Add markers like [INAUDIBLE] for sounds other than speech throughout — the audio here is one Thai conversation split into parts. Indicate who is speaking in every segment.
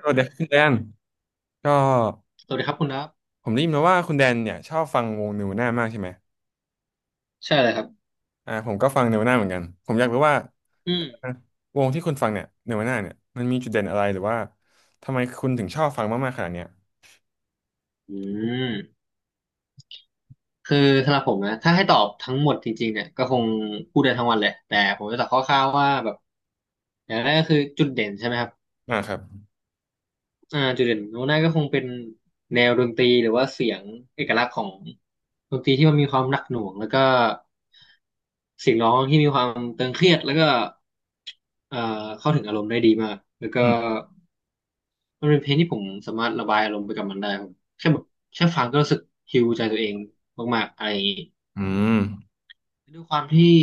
Speaker 1: สวัสดีครับคุณแดนก็
Speaker 2: สวัสดีครับคุณครับ
Speaker 1: ผมได้ยินมาว่าคุณแดนเนี่ยชอบฟังวงเนวน่ามากใช่ไหม
Speaker 2: ใช่เลยครับ
Speaker 1: ผมก็ฟังเนวน่าเหมือนกันผมอยากรู้ว่า
Speaker 2: อืม
Speaker 1: วงที่คุณฟังเนี่ยเนวน่าเนี่ยมันมีจุดเด่นอะไรหรือว่าทำไมคุณถึงชอบฟังมากๆขนาดเนี้ย
Speaker 2: อืมคือสำหรับผมนะถ้าให้ตอบทั้งหมดจริงๆเนี่ยก็คงพูดได้ทั้งวันแลยแต่ผมจะตอบคร่าวๆว่าแบบอย่างแรกก็คือจุดเด่นใช่ไหมครับ
Speaker 1: อ่าครับ
Speaker 2: อ่าจุดเด่นของหน้าก็คงเป็นแนวดนตรีหรือว่าเสียงเอกลักษณ์ของดนตรีที่มันมีความหนักหน่วงแล้วก็เสียงร้องที่มีความตึงเครียดแล้วก็เอ่อเข้าถึงอารมณ์ได้ดีมากแล้วก็
Speaker 1: อืม
Speaker 2: มันเป็นเพลงที่ผมสามารถระบายอารมณ์ไปกับมันได้ผมแค่แบบแค่ฟังก็รู้สึกฮีลใจตัวเองมากๆอะไรอย่างนี้
Speaker 1: อืม
Speaker 2: ด้วยความที่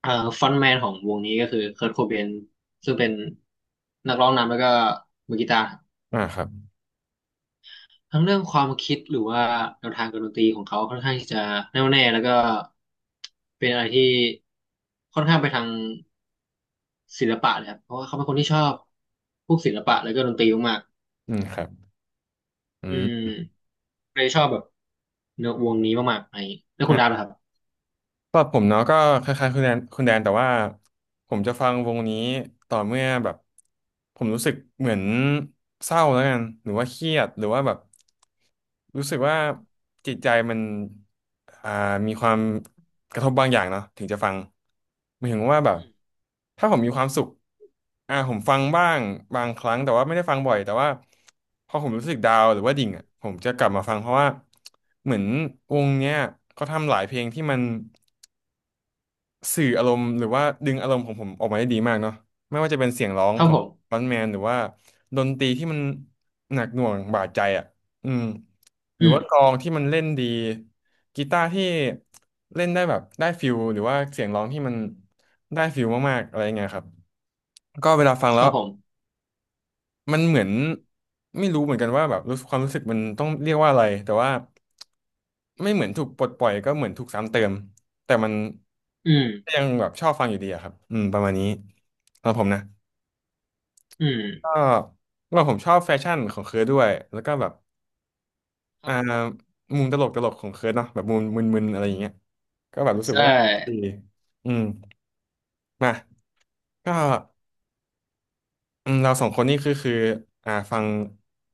Speaker 2: เอ่อฟอนต์แมนของวงนี้ก็คือเคิร์ตโคเบนซึ่งเป็นนักร้องนำแล้วก็มือกีตาร์
Speaker 1: อ่าครับ
Speaker 2: ทั้งเรื่องความคิดหรือว่าแนวทางการดนตรีของเขาค่อนข้างที่จะแน่วแน่แล้วก็เป็นอะไรที่ค่อนข้างไปทางศิลปะเลยครับเพราะว่าเขาเป็นคนที่ชอบพวกศิลปะแล้วก็ดนตรีมาก
Speaker 1: อืมครับอื
Speaker 2: ๆอืม
Speaker 1: ม
Speaker 2: เลยชอบแบบเนื้อวงนี้มากๆอะไรอย่างงี้แล้วคุณดาบล่ะครับ
Speaker 1: สำหรับผมเนาะก็คล้ายๆคุณแดนแต่ว่าผมจะฟังวงนี้ต่อเมื่อแบบผมรู้สึกเหมือนเศร้าแล้วกันหรือว่าเครียดหรือว่าแบบรู้สึกว่าจิตใจมันอ่ามีความกระทบบางอย่างเนาะถึงจะฟังหมายถึงว่าแบบ
Speaker 2: อืม
Speaker 1: ถ้าผมมีความสุขผมฟังบ้างบางครั้งแต่ว่าไม่ได้ฟังบ่อยแต่ว่าพอผมรู้สึกดาวน์หรือว่าดิ่งอ่ะผมจะกลับมาฟังเพราะว่าเหมือนวงเนี้ยเขาทำหลายเพลงที่มัน สื่ออารมณ์หรือว่าดึงอารมณ์ของผมออกมาได้ดีมากเนาะไม่ว่าจะเป็นเสียงร้อง
Speaker 2: เท่า
Speaker 1: ขอ
Speaker 2: ผ
Speaker 1: ง
Speaker 2: ม
Speaker 1: ฟรอนต์แมนหรือว่าดนตรีที่มันหนักหน่วงบาดใจอ่ะอืมหรื
Speaker 2: อื
Speaker 1: อ
Speaker 2: ม
Speaker 1: ว่ากลองที่มันเล่นดีกีตาร์ที่เล่นได้แบบได้ฟิลหรือว่าเสียงร้องที่มันได้ฟิลมากๆอะไรเงี้ยครับก็เวลาฟังแล้
Speaker 2: เท่า
Speaker 1: ว
Speaker 2: ผม
Speaker 1: มันเหมือนไม่รู้เหมือนกันว่าแบบรู้สึกความรู้สึกมันต้องเรียกว่าอะไรแต่ว่า ไม่เหมือนถูกปลดปล่อยก็เหมือนถูกซ้ำเติมแต่มัน
Speaker 2: อืม
Speaker 1: ก็ยังแบบชอบฟังอยู่ดีอะครับอืมประมาณนี้สำหรับผมนะ
Speaker 2: อืม
Speaker 1: ก็ว่าผมชอบแฟชั่นของเคิร์ดด้วยแล้วก็แบบ
Speaker 2: เท่า
Speaker 1: อ่า
Speaker 2: ผม
Speaker 1: มุมตลกตลกของเคิร์ดเนาะแบบมุมมึนๆอะไรอย่างเงี้ยก็แบบรู้สึก
Speaker 2: ใช่
Speaker 1: ว่าดีอืมมาก็อืมเราสองคนนี่คือฟัง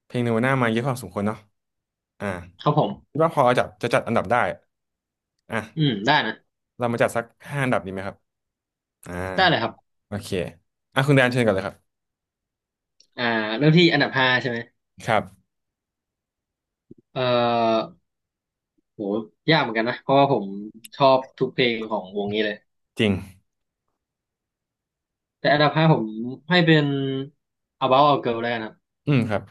Speaker 1: เพลงเนวาน่ามาเยอะพอสมควรเนาะอ่า
Speaker 2: เท่าผม
Speaker 1: คิดว่าพอจะจัดอันดับได้อ่ะ
Speaker 2: อืมได้นะ
Speaker 1: เรามาจัดสักห้าอันดับดีไหมครับอ่า
Speaker 2: ได้เลยครับ
Speaker 1: โอเคอ่ะคุณแดนเชิญก่อนเลยครับ
Speaker 2: อ่าเริ่มที่อันดับห้าใช่ไหม
Speaker 1: ครับ
Speaker 2: เอ่อโหยากเหมือนกันนะ เพราะว่าผมชอบทุกเพลงของวงนี้เลย
Speaker 1: จริง
Speaker 2: แต่อันดับห้าผมให้เป็น About a Girl แล้วกันครับ
Speaker 1: อืมครับ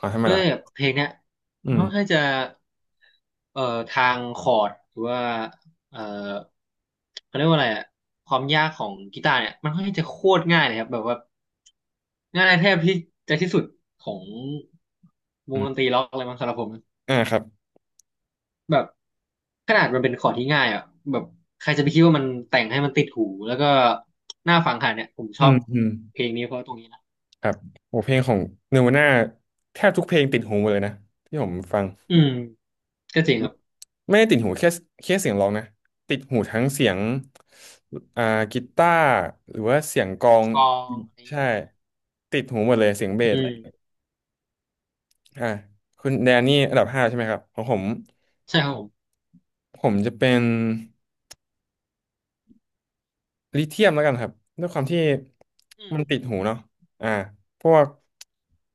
Speaker 1: อ๋อทำไม
Speaker 2: ด้ว
Speaker 1: ล่ะค
Speaker 2: ย
Speaker 1: รับ
Speaker 2: เพลงเนี้ย
Speaker 1: อื
Speaker 2: มัน
Speaker 1: ม
Speaker 2: ค่อนข้างจะเอ่อทางคอร์ดหรือว่าเอ่อเขาเรียกว่าอะไรอะความยากของกีตาร์เนี่ยมันค่อนข้างจะโคตรง่ายเลยครับแบบว่าง่ายแทบที่จะที่สุดของว
Speaker 1: อื
Speaker 2: ง
Speaker 1: ม
Speaker 2: ดนตรีล็อกอะไรมังสำหรับผมนะ
Speaker 1: อ่าครับ
Speaker 2: แบบขนาดมันเป็นคอร์ดที่ง่ายอ่ะแบบใครจะไปคิดว่ามันแต่งให้มันติดหูแล้วก็น่าฟังขนาดเนี่ยผมช
Speaker 1: อื
Speaker 2: อบ
Speaker 1: มอืม
Speaker 2: เพลงนี้เพราะตรงนี้นะ
Speaker 1: ครับโอ้เพลงของเนวาน่าแทบทุกเพลงติดหูหมดเลยนะที่ผมฟัง
Speaker 2: อืมก็จริงครับ
Speaker 1: ไม่ได้ติดหูแค่เสียงร้องนะติดหูทั้งเสียงอ่ากีตาร์หรือว่าเสียงกลอง
Speaker 2: กลองอะไรอย่าง
Speaker 1: ใช่
Speaker 2: งี้ใช่ไหม
Speaker 1: ติดหูหมดเลยเสียงเบ
Speaker 2: อื
Speaker 1: สอะไร
Speaker 2: ม
Speaker 1: อ่าคุณแดนนี่อันดับห้าใช่ไหมครับของผม
Speaker 2: ใช่ครับผม
Speaker 1: ผมจะเป็น ลิเธียมแล้วกันครับด้วยความที่
Speaker 2: อืม
Speaker 1: มันติดหูเนาะอ่าพวก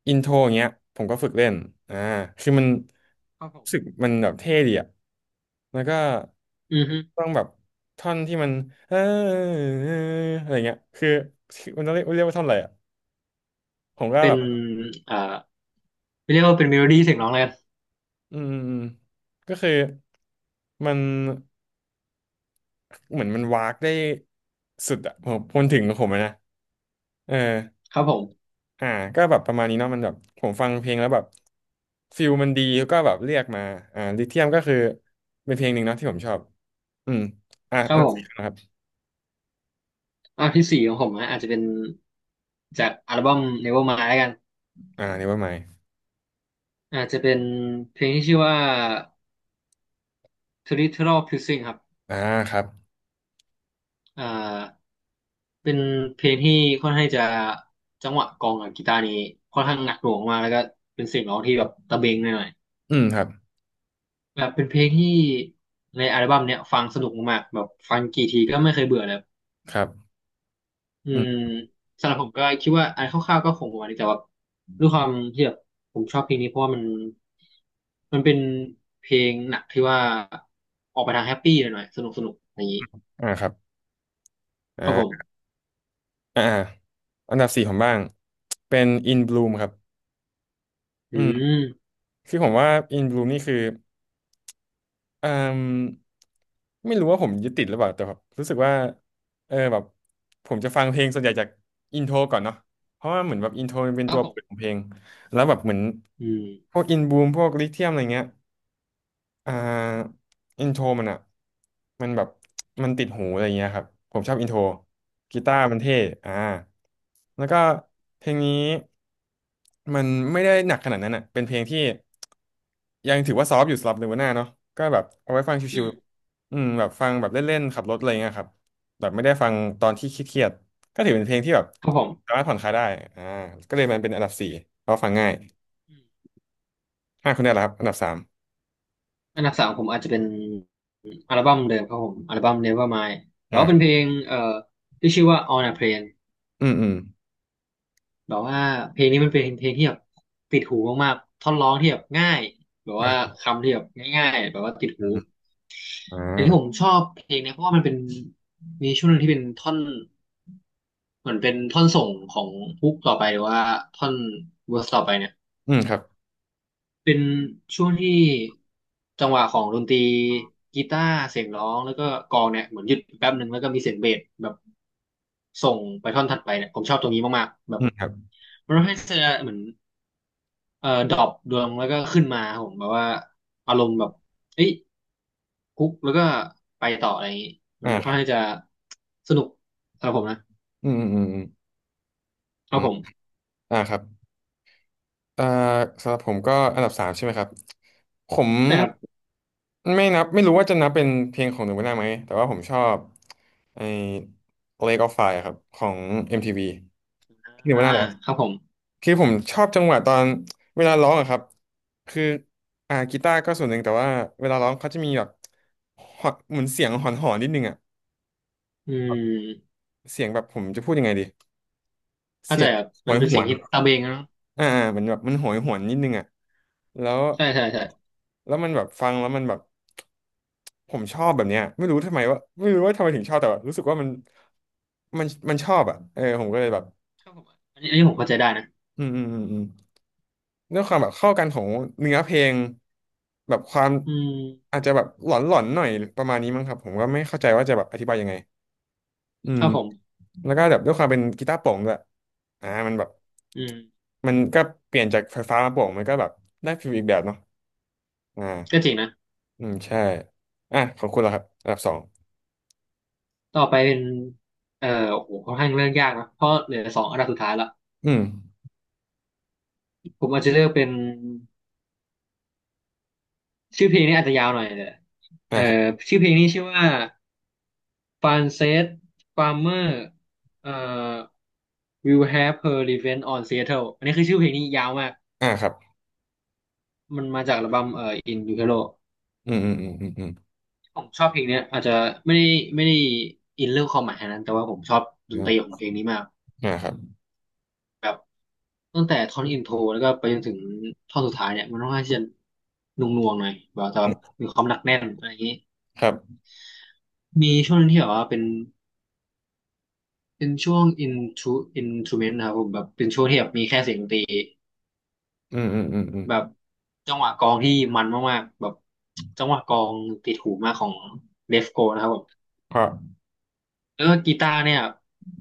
Speaker 1: อินโทรอย่างเงี้ยผมก็ฝึกเล่นอ่าคือมัน
Speaker 2: ครับผ
Speaker 1: รู้สึก
Speaker 2: ม
Speaker 1: มันแบบเท่ดีอะแล้วก็
Speaker 2: อือฮึ
Speaker 1: ต้องแบบท่อนที่มันเอออะไรเงี้ยคือมันต้องเรียกว่าท่อนอะไรอะผมก็
Speaker 2: เป็
Speaker 1: แบ
Speaker 2: น
Speaker 1: บ
Speaker 2: เอ่อไม่เรียกว่าเป็นเมโลดี้เสียงร้องเลยกัน
Speaker 1: อืมอืมก็คือมันเหมือนมันวากได้สุดอะผมมันถึงของผมอะนะเออ
Speaker 2: ครับผม
Speaker 1: อ่าก็แบบประมาณนี้เนาะมันแบบผมฟังเพลงแล้วแบบฟิลมันดีก็แบบเรียกมาลิเทียมก็คือเป็นเพลงหนึ่งเนาะที่ผมชอบอืมอ่า
Speaker 2: ค
Speaker 1: อั
Speaker 2: รับ
Speaker 1: นดั
Speaker 2: ผ
Speaker 1: บสี่
Speaker 2: ม
Speaker 1: นะครับ
Speaker 2: อ่ะที่สี่ของผมนะอาจจะเป็นจากอัลบั้ม Nevermind แล้วกัน
Speaker 1: อ่า n นเวอร์ม
Speaker 2: อาจจะเป็นเพลงที่ชื่อว่า Territorial Pulsing ครับ
Speaker 1: อ่าครับ
Speaker 2: อ่าเป็นเพลงที่ค่อนข้างจะจังหวะกลองกับกีตาร์นี้ค่อนข้างหนักหน่วงมากแล้วก็เป็นเสียงร้องที่แบบตะเบงหน่อย
Speaker 1: อืมครับ
Speaker 2: ๆแบบเป็นเพลงที่ในอัลบั้มเนี้ยฟังสนุกมากๆแบบฟังกี่ทีก็ไม่เคยเบื่อเลย
Speaker 1: ครับ
Speaker 2: อื
Speaker 1: อื
Speaker 2: ม
Speaker 1: ม
Speaker 2: สำหรับผมก็คิดว่าอันคร่าวๆก็คงประมาณนี้แต่ว่าด้วยความที่แบบผมชอบเพลงนี้เพราะว่ามันเป็นเพลงหนักที่ว่าออกไปทางแฮปปี้หน่อยๆสนุกสนุกอย่างนี้
Speaker 1: อ่าครับอ่
Speaker 2: ครับผ
Speaker 1: า
Speaker 2: ม
Speaker 1: อ่าอาอันดับสี่ผมบ้างเป็น In Bloom ครับอื
Speaker 2: อื
Speaker 1: ม
Speaker 2: ม
Speaker 1: คือผมว่า In Bloom นี่คือ เอ่มไม่รู้ว่าผมยึดติดหรือเปล่าแต่แบบรู้สึกว่าแบบผมจะฟังเพลงส่วนใหญ่จากอินโทรก่อนเนาะเพราะว่าเหมือนแบบอินโทรมันเป็น
Speaker 2: ครั
Speaker 1: ตั
Speaker 2: บ
Speaker 1: ว
Speaker 2: ผ
Speaker 1: เปิดขอ
Speaker 2: ม
Speaker 1: งเพลงแล้วแบบเหมือน
Speaker 2: อืม
Speaker 1: พวกอินบูมพวกลิเทียมอะไรเงี้ย อ่าอินโทรมันอ่ะมันแบบมันติดหูอะไรเงี้ยครับผมชอบอินโทร
Speaker 2: ค
Speaker 1: กี
Speaker 2: รับผ
Speaker 1: ตา
Speaker 2: ม
Speaker 1: ร์มันเท่อ่าแล้วก็เพลงนี้มันไม่ได้หนักขนาดนั้นอ่ะเป็นเพลงที่ยังถือว่าซอฟต์อยู่สำหรับเลเวาน่าเนาะก็แบบเอาไว้ฟัง
Speaker 2: อื
Speaker 1: ชิว
Speaker 2: ม
Speaker 1: ๆอืมแบบฟังแบบเล่นๆขับรถอะไรเงี้ยครับแบบไม่ได้ฟังตอนที่เครียดๆก็ถือเป็นเพลงที่แบบ
Speaker 2: ครับผ
Speaker 1: สา
Speaker 2: ม
Speaker 1: มารถผ่อนคลายได้อ่าก็เลยมันเป็นอันดับสี่เพราะฟังง่าย
Speaker 2: อืม
Speaker 1: ห้าคนได้แล้วครับอันดับสาม
Speaker 2: อันดับสามของผมอาจจะเป็นอัลบั้มเดิมครับผมอัลบั้ม Nevermind แต่ว่าเป็นเพ
Speaker 1: อ่า
Speaker 2: ลงที่ชื่อว่า On a Plane
Speaker 1: อืมอืม
Speaker 2: แบบว่าเพลงนี้มันเป็นเพลงที่แบบติดหูมากๆท่อนร้องที่แบบง่ายแบบว่าคำที่แบบง่ายๆแบบว่าติดหู
Speaker 1: อ่
Speaker 2: แต่ที่ผม
Speaker 1: า
Speaker 2: ชอบเพลงเนี้ยเพราะว่ามันเป็นมีช่วงหนึงที่เป็นท่อนเหมือนเป็นท่อนส่งของฮุกต่อไปหรือว่าท่อนเวอร์สต่อไปเนี่ย
Speaker 1: อืมครับ
Speaker 2: เป็นช่วงที่จังหวะของดนตรีกีตาร์เสียงร้องแล้วก็กลองเนี่ยเหมือนหยุดแป๊บหนึ่งแล้วก็มีเสียงเบสแบบส่งไปท่อนถัดไปเนี่ยผมชอบตรงนี้มากๆแบ
Speaker 1: อื
Speaker 2: บ
Speaker 1: มครับ
Speaker 2: มันทำให้เธอเหมือน ดรอปดวงแล้วก็ขึ้นมาครับผมแบบว่าอารมณ์แบบเอ้ยคุกแล้วก็ไปต่ออะไรอย่างนี้มั
Speaker 1: อ่า
Speaker 2: น
Speaker 1: ค
Speaker 2: ค่อน
Speaker 1: รั
Speaker 2: ข้าง
Speaker 1: บ
Speaker 2: จะสนุกสำหรับผมนะ
Speaker 1: อืมอืมอืม
Speaker 2: ค
Speaker 1: อื
Speaker 2: รับ
Speaker 1: ม
Speaker 2: ผม
Speaker 1: อ่าครับอ่าสำหรับผมก็อันดับสามใช่ไหมครับ ผม
Speaker 2: ใช่ครับ
Speaker 1: ไม่นับไม่รู้ว่าจะนับเป็นเพลงของหนูไม่งวันได้ไหมแต่ว่าผมชอบไอ้ Lake of Fire ครับของ MTV ทีวีที่หนู
Speaker 2: อ่า
Speaker 1: ไม่งวันได้เหรอ
Speaker 2: ครับผม
Speaker 1: คือผมชอบจังหวะตอนเวลาร้องอะครับคือกีตาร์ก็ส่วนหนึ่งแต่ว่าเวลาร้องเขาจะมีแบบหอนเหมือนเสียงหอนๆนนิดนึงอะ
Speaker 2: อืม
Speaker 1: เสียงแบบผมจะพูดยังไงดี
Speaker 2: เข้า
Speaker 1: เสี
Speaker 2: ใจ
Speaker 1: ยง
Speaker 2: ครับ
Speaker 1: ห
Speaker 2: มั
Speaker 1: ว
Speaker 2: น
Speaker 1: ย
Speaker 2: เป็
Speaker 1: ห
Speaker 2: นเสี
Speaker 1: ว
Speaker 2: ยง
Speaker 1: น
Speaker 2: ที่ตะเบงนะ
Speaker 1: เหมือนแบบมันโหยหวนนิดนึงอ่ะแล้ว
Speaker 2: ใช่ใช่ใช่
Speaker 1: แล้วมันแบบฟังแล้วมันแบบผมชอบแบบเนี้ยไม่รู้ทำไมว่าไม่รู้ว่าทำไมถึงชอบแต่แบบรู้สึกว่ามันมันชอบอ่ะเออผมก็เลยแบบ
Speaker 2: ครับผมอันนี้อันนี้ผมเข้าใจได้นะ
Speaker 1: อืมอืมอืมอืมด้วยความแบบเข้ากันของเนื้อเพลงแบบความ
Speaker 2: อืม
Speaker 1: อาจจะแบบหลอนหลอนหน่อยประมาณนี้มั้งครับผมก็ไม่เข้าใจว่าจะแบบอธิบายยังไงอื
Speaker 2: ค
Speaker 1: ม
Speaker 2: รับผม
Speaker 1: แล้วก็แบบด้วยความเป็นกีตาร์โปร่งด้วยมันแบบ
Speaker 2: อืม
Speaker 1: มันก็เปลี่ยนจากไฟฟ้ามาโปร่งมันก็แบบได้ฟีลอีกแบบเนาะ อ
Speaker 2: ก็จ
Speaker 1: ่า
Speaker 2: ริงนะ
Speaker 1: อืมใช่อ่ะขอบคุณแล้วครับอันดับสอง
Speaker 2: ต่อไปเป็นโอ้โหค่อนข้างเรื่องยากนะเพราะเหลือสองอันดับสุดท้ายละ
Speaker 1: อืม
Speaker 2: ผมอาจจะเลือกเป็น ชื่อเพลงนี้อาจจะยาวหน่อยแต่
Speaker 1: อ่า
Speaker 2: เอ่อ
Speaker 1: ครับ
Speaker 2: ชื่อเพลงนี้ชื่อว่า Frances Farmer เอ่อ Will Have Her Revenge on Seattle อันนี้คือชื่อเพลงนี้ยาวมาก
Speaker 1: อ่าครับ
Speaker 2: มันมาจากอัลบั้มIn Utero
Speaker 1: อืม อืม อืม อืมอืม
Speaker 2: ผมชอบเพลงเนี้ยอาจจะไม่ได้ไม่ได้อินเรื่องความหมายขนาดนั้นแต่ว่าผมชอบด
Speaker 1: อื
Speaker 2: นต
Speaker 1: ม
Speaker 2: รีของเพลงนี้มาก
Speaker 1: อ่าครับ
Speaker 2: แบบตั้งแต่ท่อนอินโทรแล้วก็ไปจนถึงท่อนสุดท้ายเนี่ยมันค่อนข้างที่จะหน่วงๆหน่อยแบบแต่แบบ
Speaker 1: อืม
Speaker 2: มีความหนักแน่นอะไรอย่างนี้
Speaker 1: ครับ
Speaker 2: มีช่วงหนึงที่แบบว่าเป็นช่วง intro instrument นะครับผมแบบเป็นช่วงที่แบบมีแค่เสียงดนตรี
Speaker 1: อืมอืมอืมอืม
Speaker 2: แบบจังหวะกลองที่มันมากๆแบบจังหวะกลองติดหูมากของเลฟโกนะครับผม
Speaker 1: เพราะ
Speaker 2: แล้วก็กีตาร์เนี่ย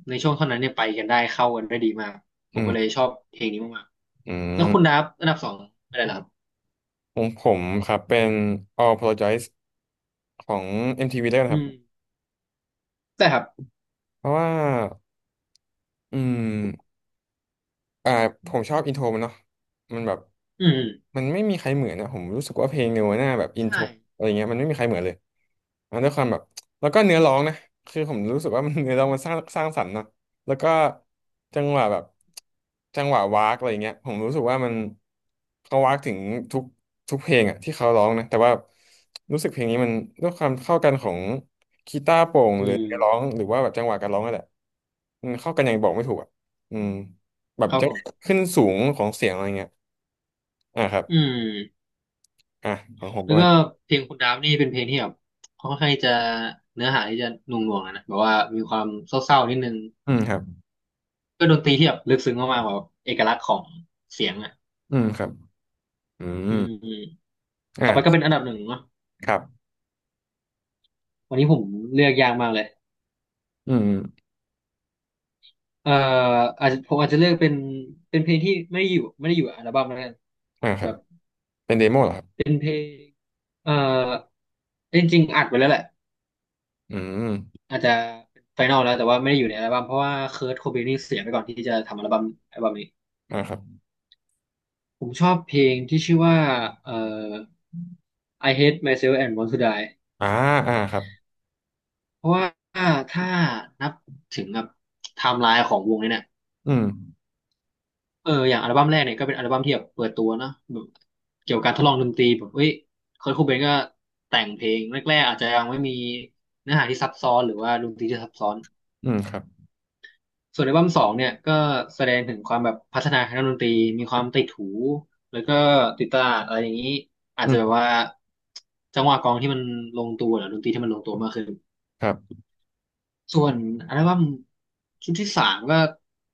Speaker 2: ในช่วงเท่านั้นเนี่ยไปกันได้เข้ากันได้ดีมากผ
Speaker 1: อื
Speaker 2: มก็
Speaker 1: ม
Speaker 2: เลยชอบเพลงนี้มาก
Speaker 1: อื
Speaker 2: ๆแล้วคุณดั
Speaker 1: ม
Speaker 2: บอันดับสองอะไรล่ะครับ
Speaker 1: ของผมครับเป็น All Apologize ของ MTV ได้วกันะค
Speaker 2: อื
Speaker 1: รั
Speaker 2: ม
Speaker 1: บ
Speaker 2: ใช่ครับ
Speaker 1: เพราะว่า อืม อ่าผมชอบอินโทรมันเนาะมันแบบ
Speaker 2: อืม
Speaker 1: มันไม่มีใครเหมือนนะผมรู้สึกว่าเพลงเนวาน่าแบบอินโท
Speaker 2: ใช่
Speaker 1: รอะไรเงี้ยมันไม่มีใครเหมือนเลยด้วยความแบบแล้วก็เนื้อร้องนะคือผมรู้สึกว่า [LAUGHS] มัน [LAUGHS] เนื้อร้องมันสร้างสรรค์เนาะแล้วก็จังหวะแบบจังหวะวากอะไรเงี้ยผมรู้สึกว่ามันเขาวากถึงทุกทุกเพลงอะที่เขาร้องนะแต่ว่ารู้สึกเพลงนี้มันด้วยความเข้ากันของกีตาร์โปร่งห
Speaker 2: อื
Speaker 1: รือ
Speaker 2: ม
Speaker 1: เนื้อร้องหรือว่าแบบจังหวะการร้องนั่นแหละมันเข้ากันอย่างบอกไม่ถูกอะอืม แบบ
Speaker 2: ครับ
Speaker 1: จะ
Speaker 2: ผม
Speaker 1: ขึ้นสูงของเสียงอะไรเงี้ยอ่าครับ
Speaker 2: อืม
Speaker 1: อ่าของผมป
Speaker 2: แล้
Speaker 1: ระ
Speaker 2: ว
Speaker 1: มาณ
Speaker 2: ก็เพลงคุณดามนี่เป็นเพลงที่แบบค่อนข้างจะเนื้อหาที่จะหน่วงๆอะนะแบบว่ามีความเศร้าๆนิดนึง
Speaker 1: อืมครับ
Speaker 2: ก็ดนตรีที่แบบลึกซึ้งมากๆแบบเอกลักษณ์ของเสียงอ่ะ
Speaker 1: อืมครับ อืม
Speaker 2: อืมอืมต่อไปก็
Speaker 1: อ่า
Speaker 2: เป็นอันดับหนึ่งเนาะ
Speaker 1: ครับ
Speaker 2: วันนี้ผมเลือกยากมากเลย
Speaker 1: อืม
Speaker 2: เอ่ออาจจะผมอาจจะเลือกเป็นเพลงที่ไม่ได้อยู่อัลบั้มแล้วกัน
Speaker 1: อ่าค
Speaker 2: แบ
Speaker 1: รับ
Speaker 2: บ
Speaker 1: เป็นเดโมเหรอครับ
Speaker 2: เป็นเพลงเอ่อจริงๆอัดไว้แล้วแหละ
Speaker 1: อืม
Speaker 2: อาจจะเป็นไฟนอลแล้วแต่ว่าไม่ได้อยู่ในอัลบั้มเพราะว่าเคิร์ตโคเบนนี่เสียไปก่อนที่จะทำอัลบั้มนี้
Speaker 1: อ่าครับ
Speaker 2: ผมชอบเพลงที่ชื่อว่าเอ่อ I Hate Myself and Want to Die
Speaker 1: อ่าอ่าครับ
Speaker 2: เพราะว่าถ้านับถึงแบบไทม์ไลน์ของวงนี้เนี่ย
Speaker 1: อืม
Speaker 2: เอออย่างอัลบั้มแรกเนี่ยก็เป็นอัลบั้มที่แบบเปิดตัวเนอะแบบเกี่ยวกับการทดลองดนตรีแบบเอ้ยเคิร์ทโคเบนก็แต่งเพลงแรกๆอาจจะยังไม่มีเนื้อหาที่ซับซ้อนหรือว่าดนตรีที่ซับซ้อน
Speaker 1: อืมครับ
Speaker 2: ส่วนอัลบั้มสองเนี่ยก็แสดงถึงความแบบพัฒนาทางด้านดนตรีมีความติดหูแล้วก็ติดตลาดอะไรอย่างนี้อาจ
Speaker 1: อื
Speaker 2: จะแบบ
Speaker 1: ม
Speaker 2: ว่าจังหวะกลองที่มันลงตัวหรือดนตรีที่มันลงตัวมากขึ้น
Speaker 1: ครับ
Speaker 2: ส่วนอัลบั้มชุดที่สามก็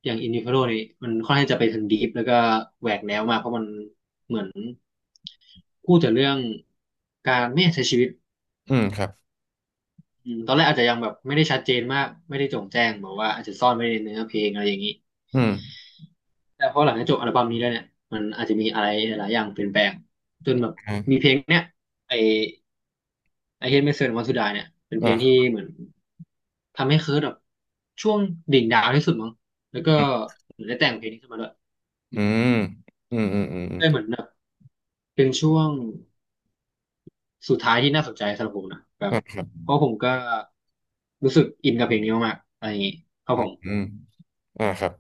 Speaker 2: อย่าง Individual นี่มันค่อนข้างจะไปทางดีฟแล้วก็แหวกแนวมากเพราะมันเหมือนพูดแต่เรื่องการไม่ใช้ชีวิต
Speaker 1: อืมครับ
Speaker 2: อืมตอนแรกอาจจะยังแบบไม่ได้ชัดเจนมากไม่ได้โจ่งแจ้งบอกว่าอาจจะซ่อนไว้ในเนื้อเพลงอะไรอย่างนี้
Speaker 1: อืม
Speaker 2: แต่พอหลังจากจบอัลบั้มนี้แล้วเนี่ยมันอาจจะมีอะไรหลายอย่างเปลี่ยนแปลงจนแบบมี
Speaker 1: อ่า
Speaker 2: เพลงเนี่ยไอไอเฮดเมสเซนวันสุดาเนี่ยเป็นเพลง
Speaker 1: อ่า
Speaker 2: ที่เหมือนทำให้เคิร์ตแบบช่วงดิ่งดาวที่สุดมั้งแล้วก็เหมือนได้แต่งเพลงนี้ขึ้นมาด้วย
Speaker 1: อืมอืมอืมอืมอืม
Speaker 2: ได้เหมือนแบบเป็นช่วงสุดท้ายที่น่าสนใจสำหรับผมนะแบบ
Speaker 1: อ่าครับ
Speaker 2: เพราะผมก็รู้สึกอินกับเพลงนี้มากๆอะไรอย่างนี้ครับ
Speaker 1: อื
Speaker 2: ผ
Speaker 1: ม
Speaker 2: ม
Speaker 1: อืมอ่าครับ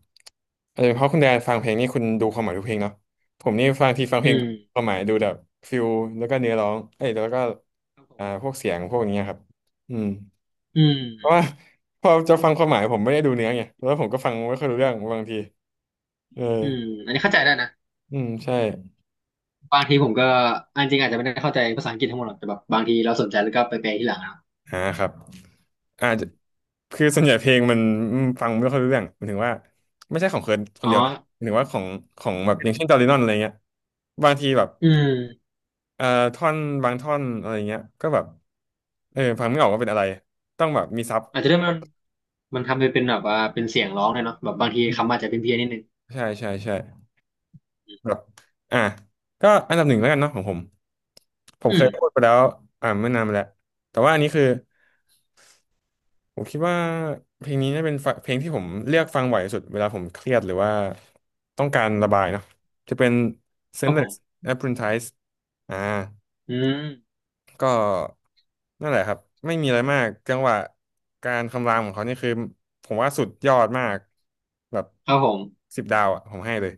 Speaker 1: เออเพราะคุณแดนฟังเพลงนี่คุณดูความหมายทุกเพลงเนาะผมนี่ฟังทีฟังเพล
Speaker 2: อื
Speaker 1: ง
Speaker 2: ม
Speaker 1: ความหมายดูแบบฟิลแล้วก็เนื้อร้องเอ้ยแล้วก็อ่าพวกเสียงพวกนี้ครับอืม
Speaker 2: อื
Speaker 1: เพราะว่า
Speaker 2: ม
Speaker 1: พอจะฟังความหมายผมไม่ได้ดูเนื้อไงแล้วผมก็ฟังไม่ค่อยรู้เรื่องบางทีเออ
Speaker 2: อืมอันนี้เข้าใจได้นะ
Speaker 1: อืมใช่
Speaker 2: บางทีผมก็อันจริงอาจจะไม่ได้เข้าใจภาษาอังกฤษทั้งหมดหรอกแต่แบบบางทีเราสนใจแล้วก็ไปแปลที่หลังนะ
Speaker 1: อ่าครับอาจจะคือส่วนใหญ่เพลงมันอืมฟังไม่ค่อยรู้เรื่องหมายถึงว่าไม่ใช่ของเคิร์นคน
Speaker 2: อ๋อ
Speaker 1: เดียวนะหมายถึงว่าของขอ
Speaker 2: ก็
Speaker 1: งแบบอย่า
Speaker 2: จ
Speaker 1: ง
Speaker 2: ริง
Speaker 1: เช่นจอร์ดินดนอะไรเงี้ยบางทีแบบ
Speaker 2: อืม
Speaker 1: เอ่อท่อนบางท่อนอะไรเงี้ยก็แบบเออฟังไม่ออกว่าเป็นอะไรต้องแบบมีซับ
Speaker 2: อาจจะได้มันมันทำไปเป็นแบบว่าเป็นเสียงร้องเลยเนาะแบบบางที
Speaker 1: อื
Speaker 2: คำ
Speaker 1: ม
Speaker 2: อาจจะเป็นเพี้ยนๆนิดนึง
Speaker 1: ใช่แบบอ่ะก็อันดับหนึ่งแล้วกันเนาะของผมผม
Speaker 2: อื
Speaker 1: เค
Speaker 2: ม
Speaker 1: ยพูดไปแล้วอ่าเมื่อนานมาแล้วแต่ว่าอันนี้คือผมคิดว่าเพลงนี้น่าเป็นฟะเพลงที่ผมเลือกฟังบ่อยที่สุดเวลาผมเครียดหรือว่าต้องการระบายเนาะจะเป็น
Speaker 2: ครับผ
Speaker 1: Senseless
Speaker 2: ม
Speaker 1: Apprentice อ่า
Speaker 2: อืม
Speaker 1: ก็นั่นแหละครับไม่มีอะไรมากจังหวะการคำรามของเขานี่คือผมว่าสุดยอดมากแบบ
Speaker 2: ครับผม
Speaker 1: 10 ดาวอ่ะผมให้เลย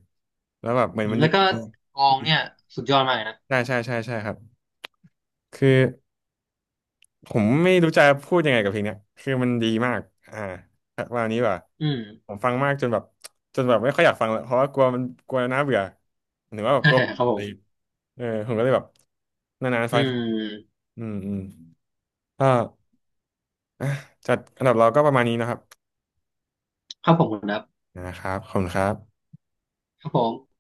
Speaker 1: แล้วแบบเหมือ
Speaker 2: อื
Speaker 1: น
Speaker 2: ม
Speaker 1: มันดึ
Speaker 2: แล้ว
Speaker 1: ง
Speaker 2: ก็
Speaker 1: เรา
Speaker 2: กลองเนี่ยสุดยอดมากเลยนะ
Speaker 1: ใช่ครับคือผมไม่รู้จะพูดยังไงกับเพลงเนี้ยคือมันดีมากอ่าวันนี้ว่า
Speaker 2: อืม
Speaker 1: ผมฟังมากจนแบบจนแบบไม่ค่อยอยากฟังแล้วเพราะว่ากลัวมันกลัวน่าเบื่อหรือว่าแบบกลัว
Speaker 2: [LAUGHS] ครับ
Speaker 1: อะ
Speaker 2: ผ
Speaker 1: ไร
Speaker 2: ม
Speaker 1: เออผมก็เลยแบบนานๆ
Speaker 2: อื
Speaker 1: ฟังที
Speaker 2: ม
Speaker 1: อืมอืมก็อ่ะจัดอันดับเราก็ประมาณนี้นะครับ
Speaker 2: ครับผมคุณครับ
Speaker 1: นะครับขอบคุณครับ
Speaker 2: ครับผม